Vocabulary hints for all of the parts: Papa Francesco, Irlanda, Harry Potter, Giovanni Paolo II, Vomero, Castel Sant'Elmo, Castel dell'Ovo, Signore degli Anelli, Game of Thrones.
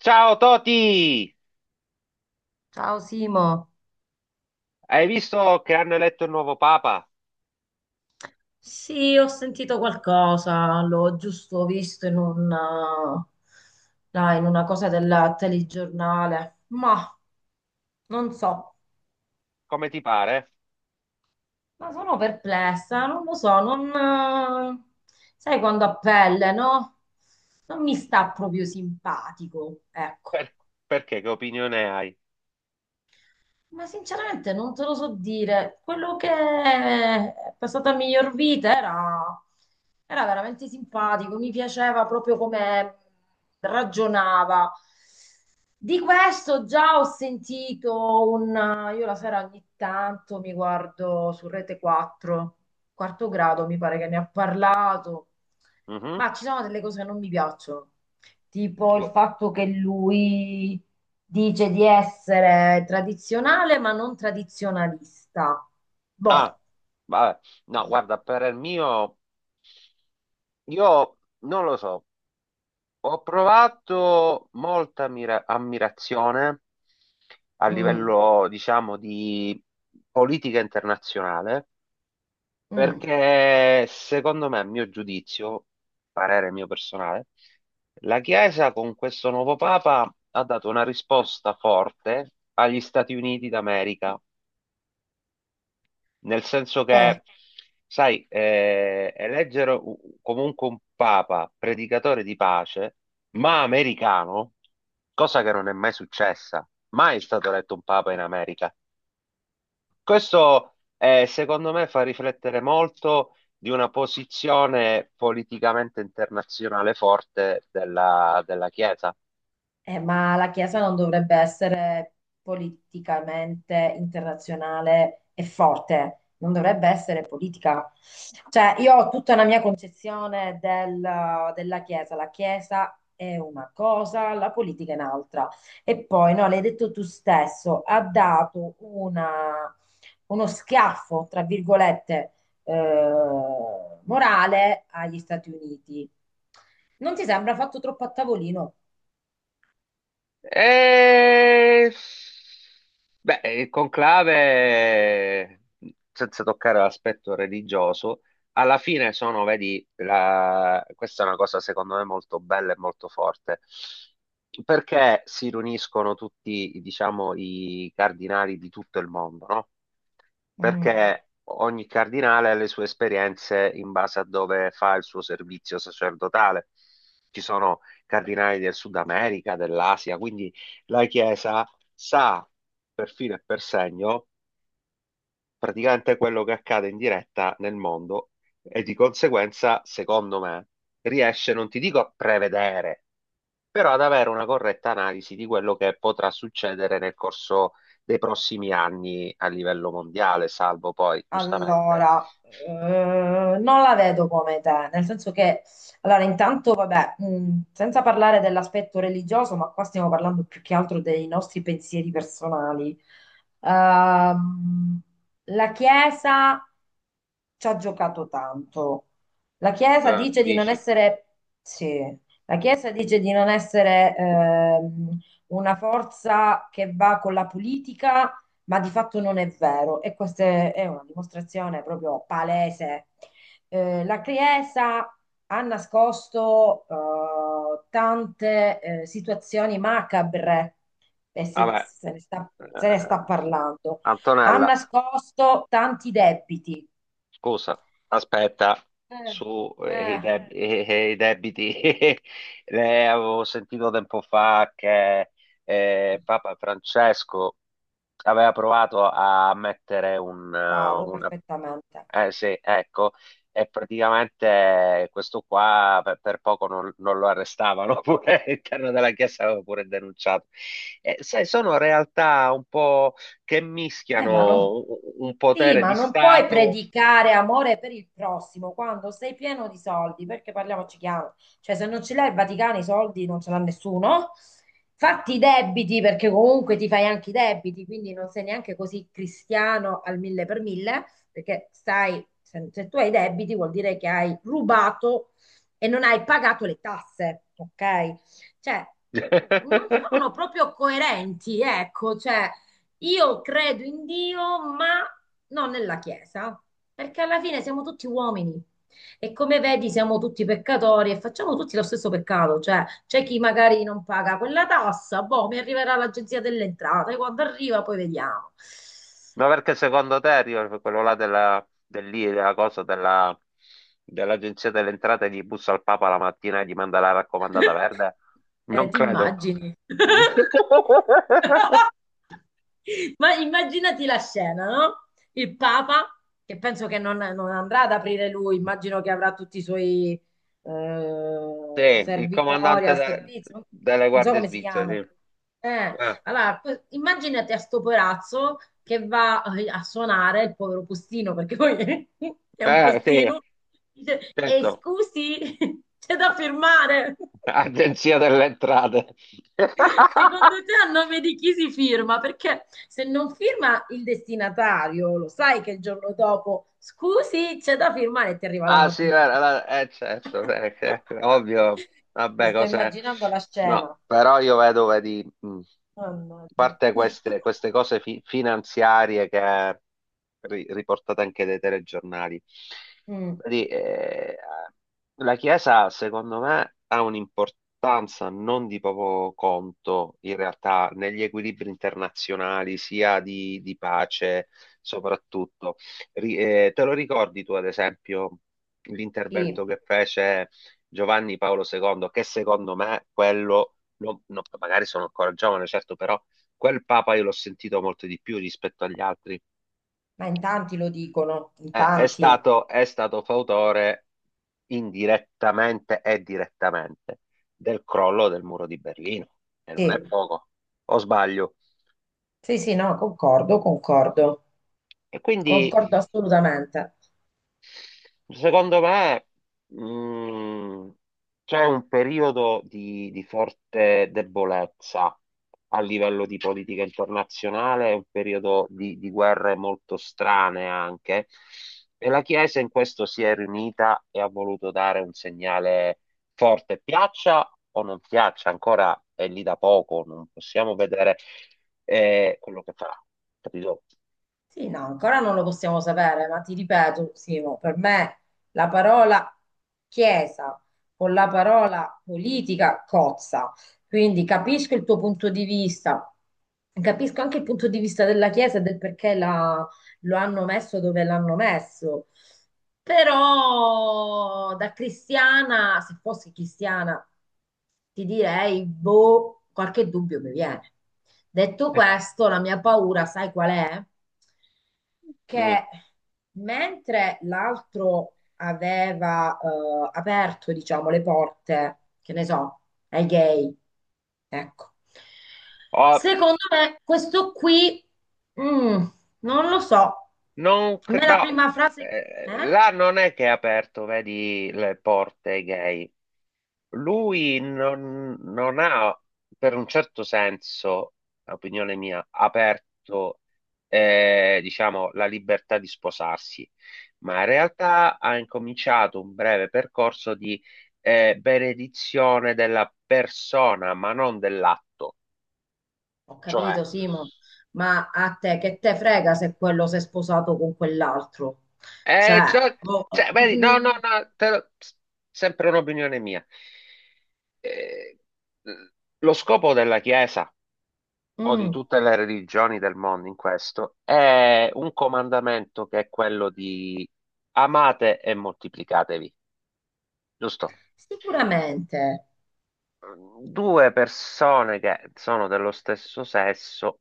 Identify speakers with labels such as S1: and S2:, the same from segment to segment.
S1: Ciao Toti!
S2: Ciao Simo.
S1: Hai visto che hanno eletto il nuovo Papa?
S2: Sì, ho sentito qualcosa, l'ho giusto visto in un là, in una cosa del telegiornale, ma non so,
S1: Come ti pare?
S2: ma sono perplessa, non lo so, non, eh, sai quando a pelle, no? Non mi sta proprio simpatico, ecco.
S1: Per- Perché? Che opinione hai?
S2: Ma sinceramente non te lo so dire. Quello che è passata a miglior vita era, Era veramente simpatico, mi piaceva proprio come ragionava. Di questo già ho sentito un... Io la sera ogni tanto mi guardo su Rete 4, quarto grado mi pare che ne ha parlato,
S1: Mhm.
S2: ma ci sono delle cose che non mi piacciono, tipo il
S1: Gu-
S2: fatto che lui dice di essere tradizionale ma non tradizionalista.
S1: Ah,
S2: Boh.
S1: vabbè. No, guarda, per il mio, io non lo so. Ho provato molta ammirazione a
S2: mm,
S1: livello, diciamo, di politica internazionale.
S2: mm,
S1: Perché secondo me, a mio giudizio, parere mio personale, la Chiesa con questo nuovo Papa ha dato una risposta forte agli Stati Uniti d'America, nel senso
S2: eh.
S1: che, sai, eleggere comunque un Papa predicatore di pace, ma americano, cosa che non è mai successa. Mai è stato eletto un Papa in America. Questo secondo me fa riflettere molto di una posizione politicamente internazionale forte della Chiesa.
S2: Ma la Chiesa non dovrebbe essere politicamente internazionale e forte, non dovrebbe essere politica. Cioè, io ho tutta una mia della Chiesa. La Chiesa è una cosa, la politica è un'altra. E poi, no, l'hai detto tu stesso, ha dato uno schiaffo, tra virgolette, morale agli Stati Uniti. Non ti sembra fatto troppo a tavolino?
S1: E... Beh, il conclave, senza toccare l'aspetto religioso, alla fine sono, vedi, questa è una cosa secondo me molto bella e molto forte, perché si riuniscono tutti, diciamo, i cardinali di tutto il mondo, no?
S2: Mm.
S1: Perché ogni cardinale ha le sue esperienze in base a dove fa il suo servizio sacerdotale. Ci sono cardinali del Sud America, dell'Asia, quindi la Chiesa sa per filo e per segno praticamente quello che accade in diretta nel mondo e, di conseguenza, secondo me, riesce, non ti dico a prevedere, però ad avere una corretta analisi di quello che potrà succedere nel corso dei prossimi anni a livello mondiale, salvo poi, giustamente,
S2: Allora, non la vedo come te, nel senso che, allora, intanto, vabbè, senza parlare dell'aspetto religioso, ma qua stiamo parlando più che altro dei nostri pensieri personali. Ehm, la Chiesa ci ha giocato tanto. La Chiesa dice di non
S1: dici,
S2: essere, sì, la Chiesa dice di non essere una forza che va con la politica, ma di fatto non è vero e questa è una dimostrazione proprio palese. La Chiesa ha nascosto tante situazioni macabre e
S1: vabbè,
S2: se ne sta, se ne
S1: eh,
S2: sta parlando. Ha
S1: Antonella.
S2: nascosto tanti debiti.
S1: Scusa, aspetta,
S2: Eh,
S1: su
S2: eh,
S1: i debiti, le avevo sentito tempo fa che Papa Francesco aveva provato a mettere
S2: Bravo,
S1: una.
S2: perfettamente.
S1: Eh sì, ecco, e praticamente questo qua per poco non lo arrestavano, pure all'interno della Chiesa aveva pure denunciato. E, sai, sono realtà un po' che
S2: Ma non,
S1: mischiano un
S2: sì,
S1: potere
S2: ma
S1: di
S2: non puoi
S1: Stato.
S2: predicare amore per il prossimo quando sei pieno di soldi, perché parliamoci chiaro, cioè se non ce l'hai il Vaticano i soldi non ce l'ha nessuno, fatti i debiti perché comunque ti fai anche i debiti, quindi non sei neanche così cristiano al mille per mille, perché stai, se, se tu hai i debiti vuol dire che hai rubato e non hai pagato le tasse, ok? Cioè, non sono proprio coerenti, ecco, cioè io credo in Dio, ma non nella Chiesa, perché alla fine siamo tutti uomini. E come vedi, siamo tutti peccatori e facciamo tutti lo stesso peccato, cioè c'è chi magari non paga quella tassa, boh, mi arriverà l'agenzia delle entrate, quando arriva poi vediamo.
S1: Ma perché secondo te arriva quello là della, dell'I- della cosa della- dell'agenzia delle entrate, gli bussa al Papa la mattina e gli manda la raccomandata verde? Non
S2: Ti
S1: credo.
S2: immagini. Ma immaginati la scena, no? Il Papa, che penso che non, non andrà ad aprire lui, immagino che avrà tutti i suoi
S1: Sì, il
S2: servitori
S1: comandante
S2: al servizio,
S1: delle
S2: non so
S1: guardie
S2: come si chiama.
S1: svizzere, sì.
S2: Eh,
S1: Eh,
S2: allora, immaginate a sto porazzo che va a suonare il povero postino, perché poi è un
S1: eh, sì,
S2: postino, dice, e
S1: certo.
S2: scusi, c'è da firmare.
S1: Agenzia delle entrate.
S2: Secondo te a nome di chi si firma? Perché se non firma il destinatario, lo sai che il giorno dopo, scusi, c'è da firmare e ti arriva la
S1: Ah sì,
S2: notifica.
S1: certo, ovvio,
S2: Mi
S1: vabbè,
S2: sto
S1: cos'è?
S2: immaginando la
S1: No,
S2: scena.
S1: però io vedo, vedi, a
S2: Mannaggia.
S1: parte queste cose finanziarie che riportate anche dai telegiornali,
S2: Mm,
S1: vedi, la Chiesa, secondo me, ha un'importanza non di poco conto, in realtà, negli equilibri internazionali, sia di pace, soprattutto. Te lo ricordi tu, ad esempio, l'intervento
S2: sì.
S1: che fece Giovanni Paolo II, che secondo me quello, no, magari sono ancora giovane, certo, però quel Papa io l'ho sentito molto di più rispetto agli altri.
S2: Ma in tanti lo dicono, in
S1: Eh, è
S2: tanti.
S1: stato, è stato fautore indirettamente e direttamente del crollo del muro di Berlino, e non è
S2: Sì,
S1: poco, o sbaglio.
S2: sì, sì, no, concordo, concordo,
S1: E quindi.
S2: concordo assolutamente.
S1: Secondo me, mh, c'è un periodo di forte debolezza a livello di politica internazionale, è un periodo di guerre molto strane anche, e la Chiesa in questo si è riunita e ha voluto dare un segnale forte, piaccia o non piaccia. Ancora è lì da poco, non possiamo vedere quello che farà, capito?
S2: Sì, no, ancora non lo possiamo sapere, ma ti ripeto, Simo, per me la parola chiesa con la parola politica cozza. Quindi capisco il tuo punto di vista, capisco anche il punto di vista della chiesa e del lo hanno messo dove l'hanno messo. Però da cristiana, se fossi cristiana, ti direi, boh, qualche dubbio mi viene. Detto questo, la mia paura, sai qual è?
S1: Mm.
S2: Che mentre l'altro aveva aperto, diciamo, le porte, che ne so, ai gay, ecco,
S1: Oh,
S2: secondo me questo qui, mm, non lo so,
S1: Non,
S2: a
S1: cre-
S2: me la
S1: no,
S2: prima frase... Eh?
S1: là non è che ha aperto, vedi, le porte ai gay. Lui non ha, per un certo senso, opinione mia, aperto, diciamo, la libertà di sposarsi, ma in realtà ha incominciato un breve percorso di, benedizione della persona, ma non dell'atto.
S2: Ho
S1: Cioè.
S2: capito, Simo, ma a te che te frega se quello si è sposato con quell'altro? Cioè,
S1: Eh, cioè,
S2: oh,
S1: cioè, vedi, no, no,
S2: mm,
S1: no, sempre un'opinione mia. Eh, lo scopo della Chiesa
S2: mm,
S1: o di
S2: mm.
S1: tutte le religioni del mondo in questo è un comandamento, che è quello di amate e moltiplicatevi, giusto?
S2: Sicuramente
S1: Due persone che sono dello stesso sesso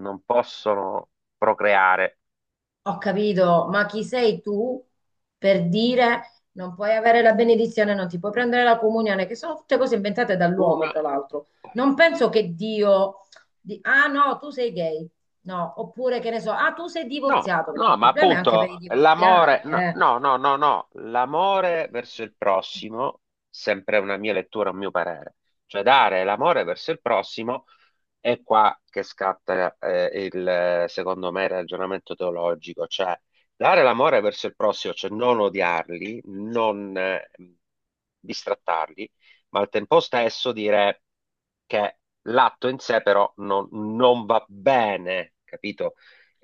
S1: non possono procreare.
S2: ho capito, ma chi sei tu per dire non puoi avere la benedizione, non ti puoi prendere la comunione, che sono tutte cose inventate dall'uomo,
S1: Una.
S2: tra l'altro. Non penso che Dio ah no, tu sei gay. No, oppure che ne so, ah, tu sei
S1: No,
S2: divorziato, perché
S1: no,
S2: il
S1: ma
S2: problema è anche per i
S1: appunto l'amore,
S2: divorziati,
S1: no,
S2: eh.
S1: no, no, no, no, l'amore verso il prossimo, sempre una mia lettura, un mio parere, cioè dare l'amore verso il prossimo, è qua che scatta il, secondo me, il ragionamento teologico. Cioè dare l'amore verso il prossimo, cioè non odiarli, non distrattarli, ma al tempo stesso dire che l'atto in sé però non va bene, capito?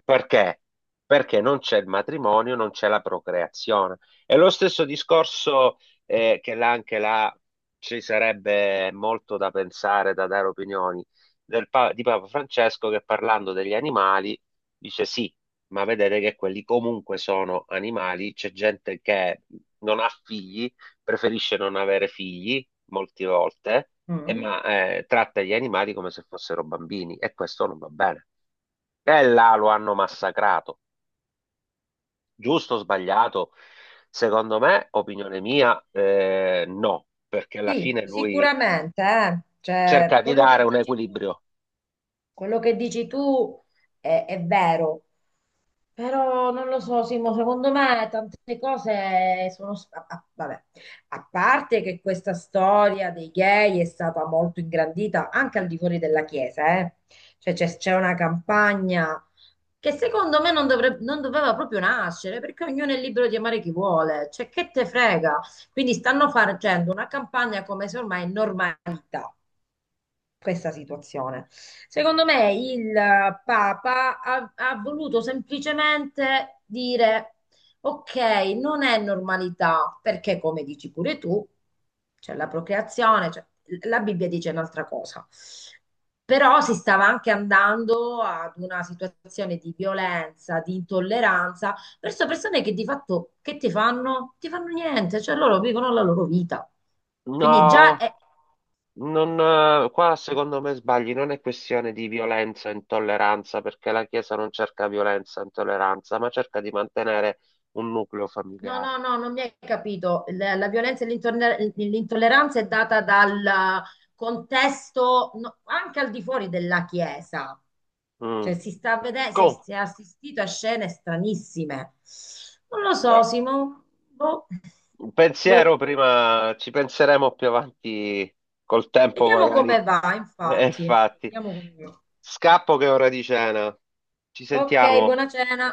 S1: Perché? Perché non c'è il matrimonio, non c'è la procreazione. È lo stesso discorso che là, anche là, ci sarebbe molto da pensare, da dare opinioni di Papa Francesco, che parlando degli animali dice sì, ma vedete che quelli comunque sono animali, c'è gente che non ha figli, preferisce non avere figli molte volte, e
S2: Mm.
S1: ma tratta gli animali come se fossero bambini, e questo non va bene. E là lo hanno massacrato. Giusto o sbagliato? Secondo me, opinione mia, no, perché alla
S2: Sì,
S1: fine lui
S2: sicuramente, eh.
S1: cerca
S2: Cioè,
S1: di
S2: quello che
S1: dare un
S2: dici tu,
S1: equilibrio.
S2: quello che dici tu è vero, però non lo so, Simo, secondo me tante cose sono... s- a- a- vabbè, a parte che questa storia dei gay è stata molto ingrandita anche al di fuori della Chiesa, eh. Cioè c'è una campagna che secondo me non, dovrebbe, non doveva proprio nascere, perché ognuno è libero di amare chi vuole, cioè che te frega? Quindi stanno facendo una campagna come se ormai è normalità questa situazione. Secondo me il Papa ha, ha voluto semplicemente dire, ok, non è normalità, perché come dici pure tu, c'è la procreazione, c'è- la Bibbia dice un'altra cosa. Però si stava anche andando ad una situazione di violenza, di intolleranza verso persone che di fatto che ti fanno? Ti fanno niente, cioè loro vivono la loro vita. Quindi già
S1: No,
S2: è.
S1: Non, qua secondo me sbagli, non è questione di violenza e intolleranza, perché la Chiesa non cerca violenza e intolleranza, ma cerca di mantenere un nucleo
S2: No,
S1: familiare.
S2: no, no, non mi hai capito. La violenza e l'intolleranza è data dal contesto, no, anche al di fuori della Chiesa.
S1: Mm.
S2: Cioè, si sta a vedere,
S1: Come?
S2: si è assistito a scene stranissime. Non lo so,
S1: Da-
S2: Simo. Boh.
S1: Un pensiero
S2: Boh.
S1: prima, ci penseremo più avanti col tempo,
S2: Vediamo
S1: magari.
S2: come va,
S1: E
S2: infatti.
S1: infatti,
S2: Vediamo come va.
S1: scappo che è ora di cena. Ci
S2: Ok,
S1: sentiamo.
S2: buona cena.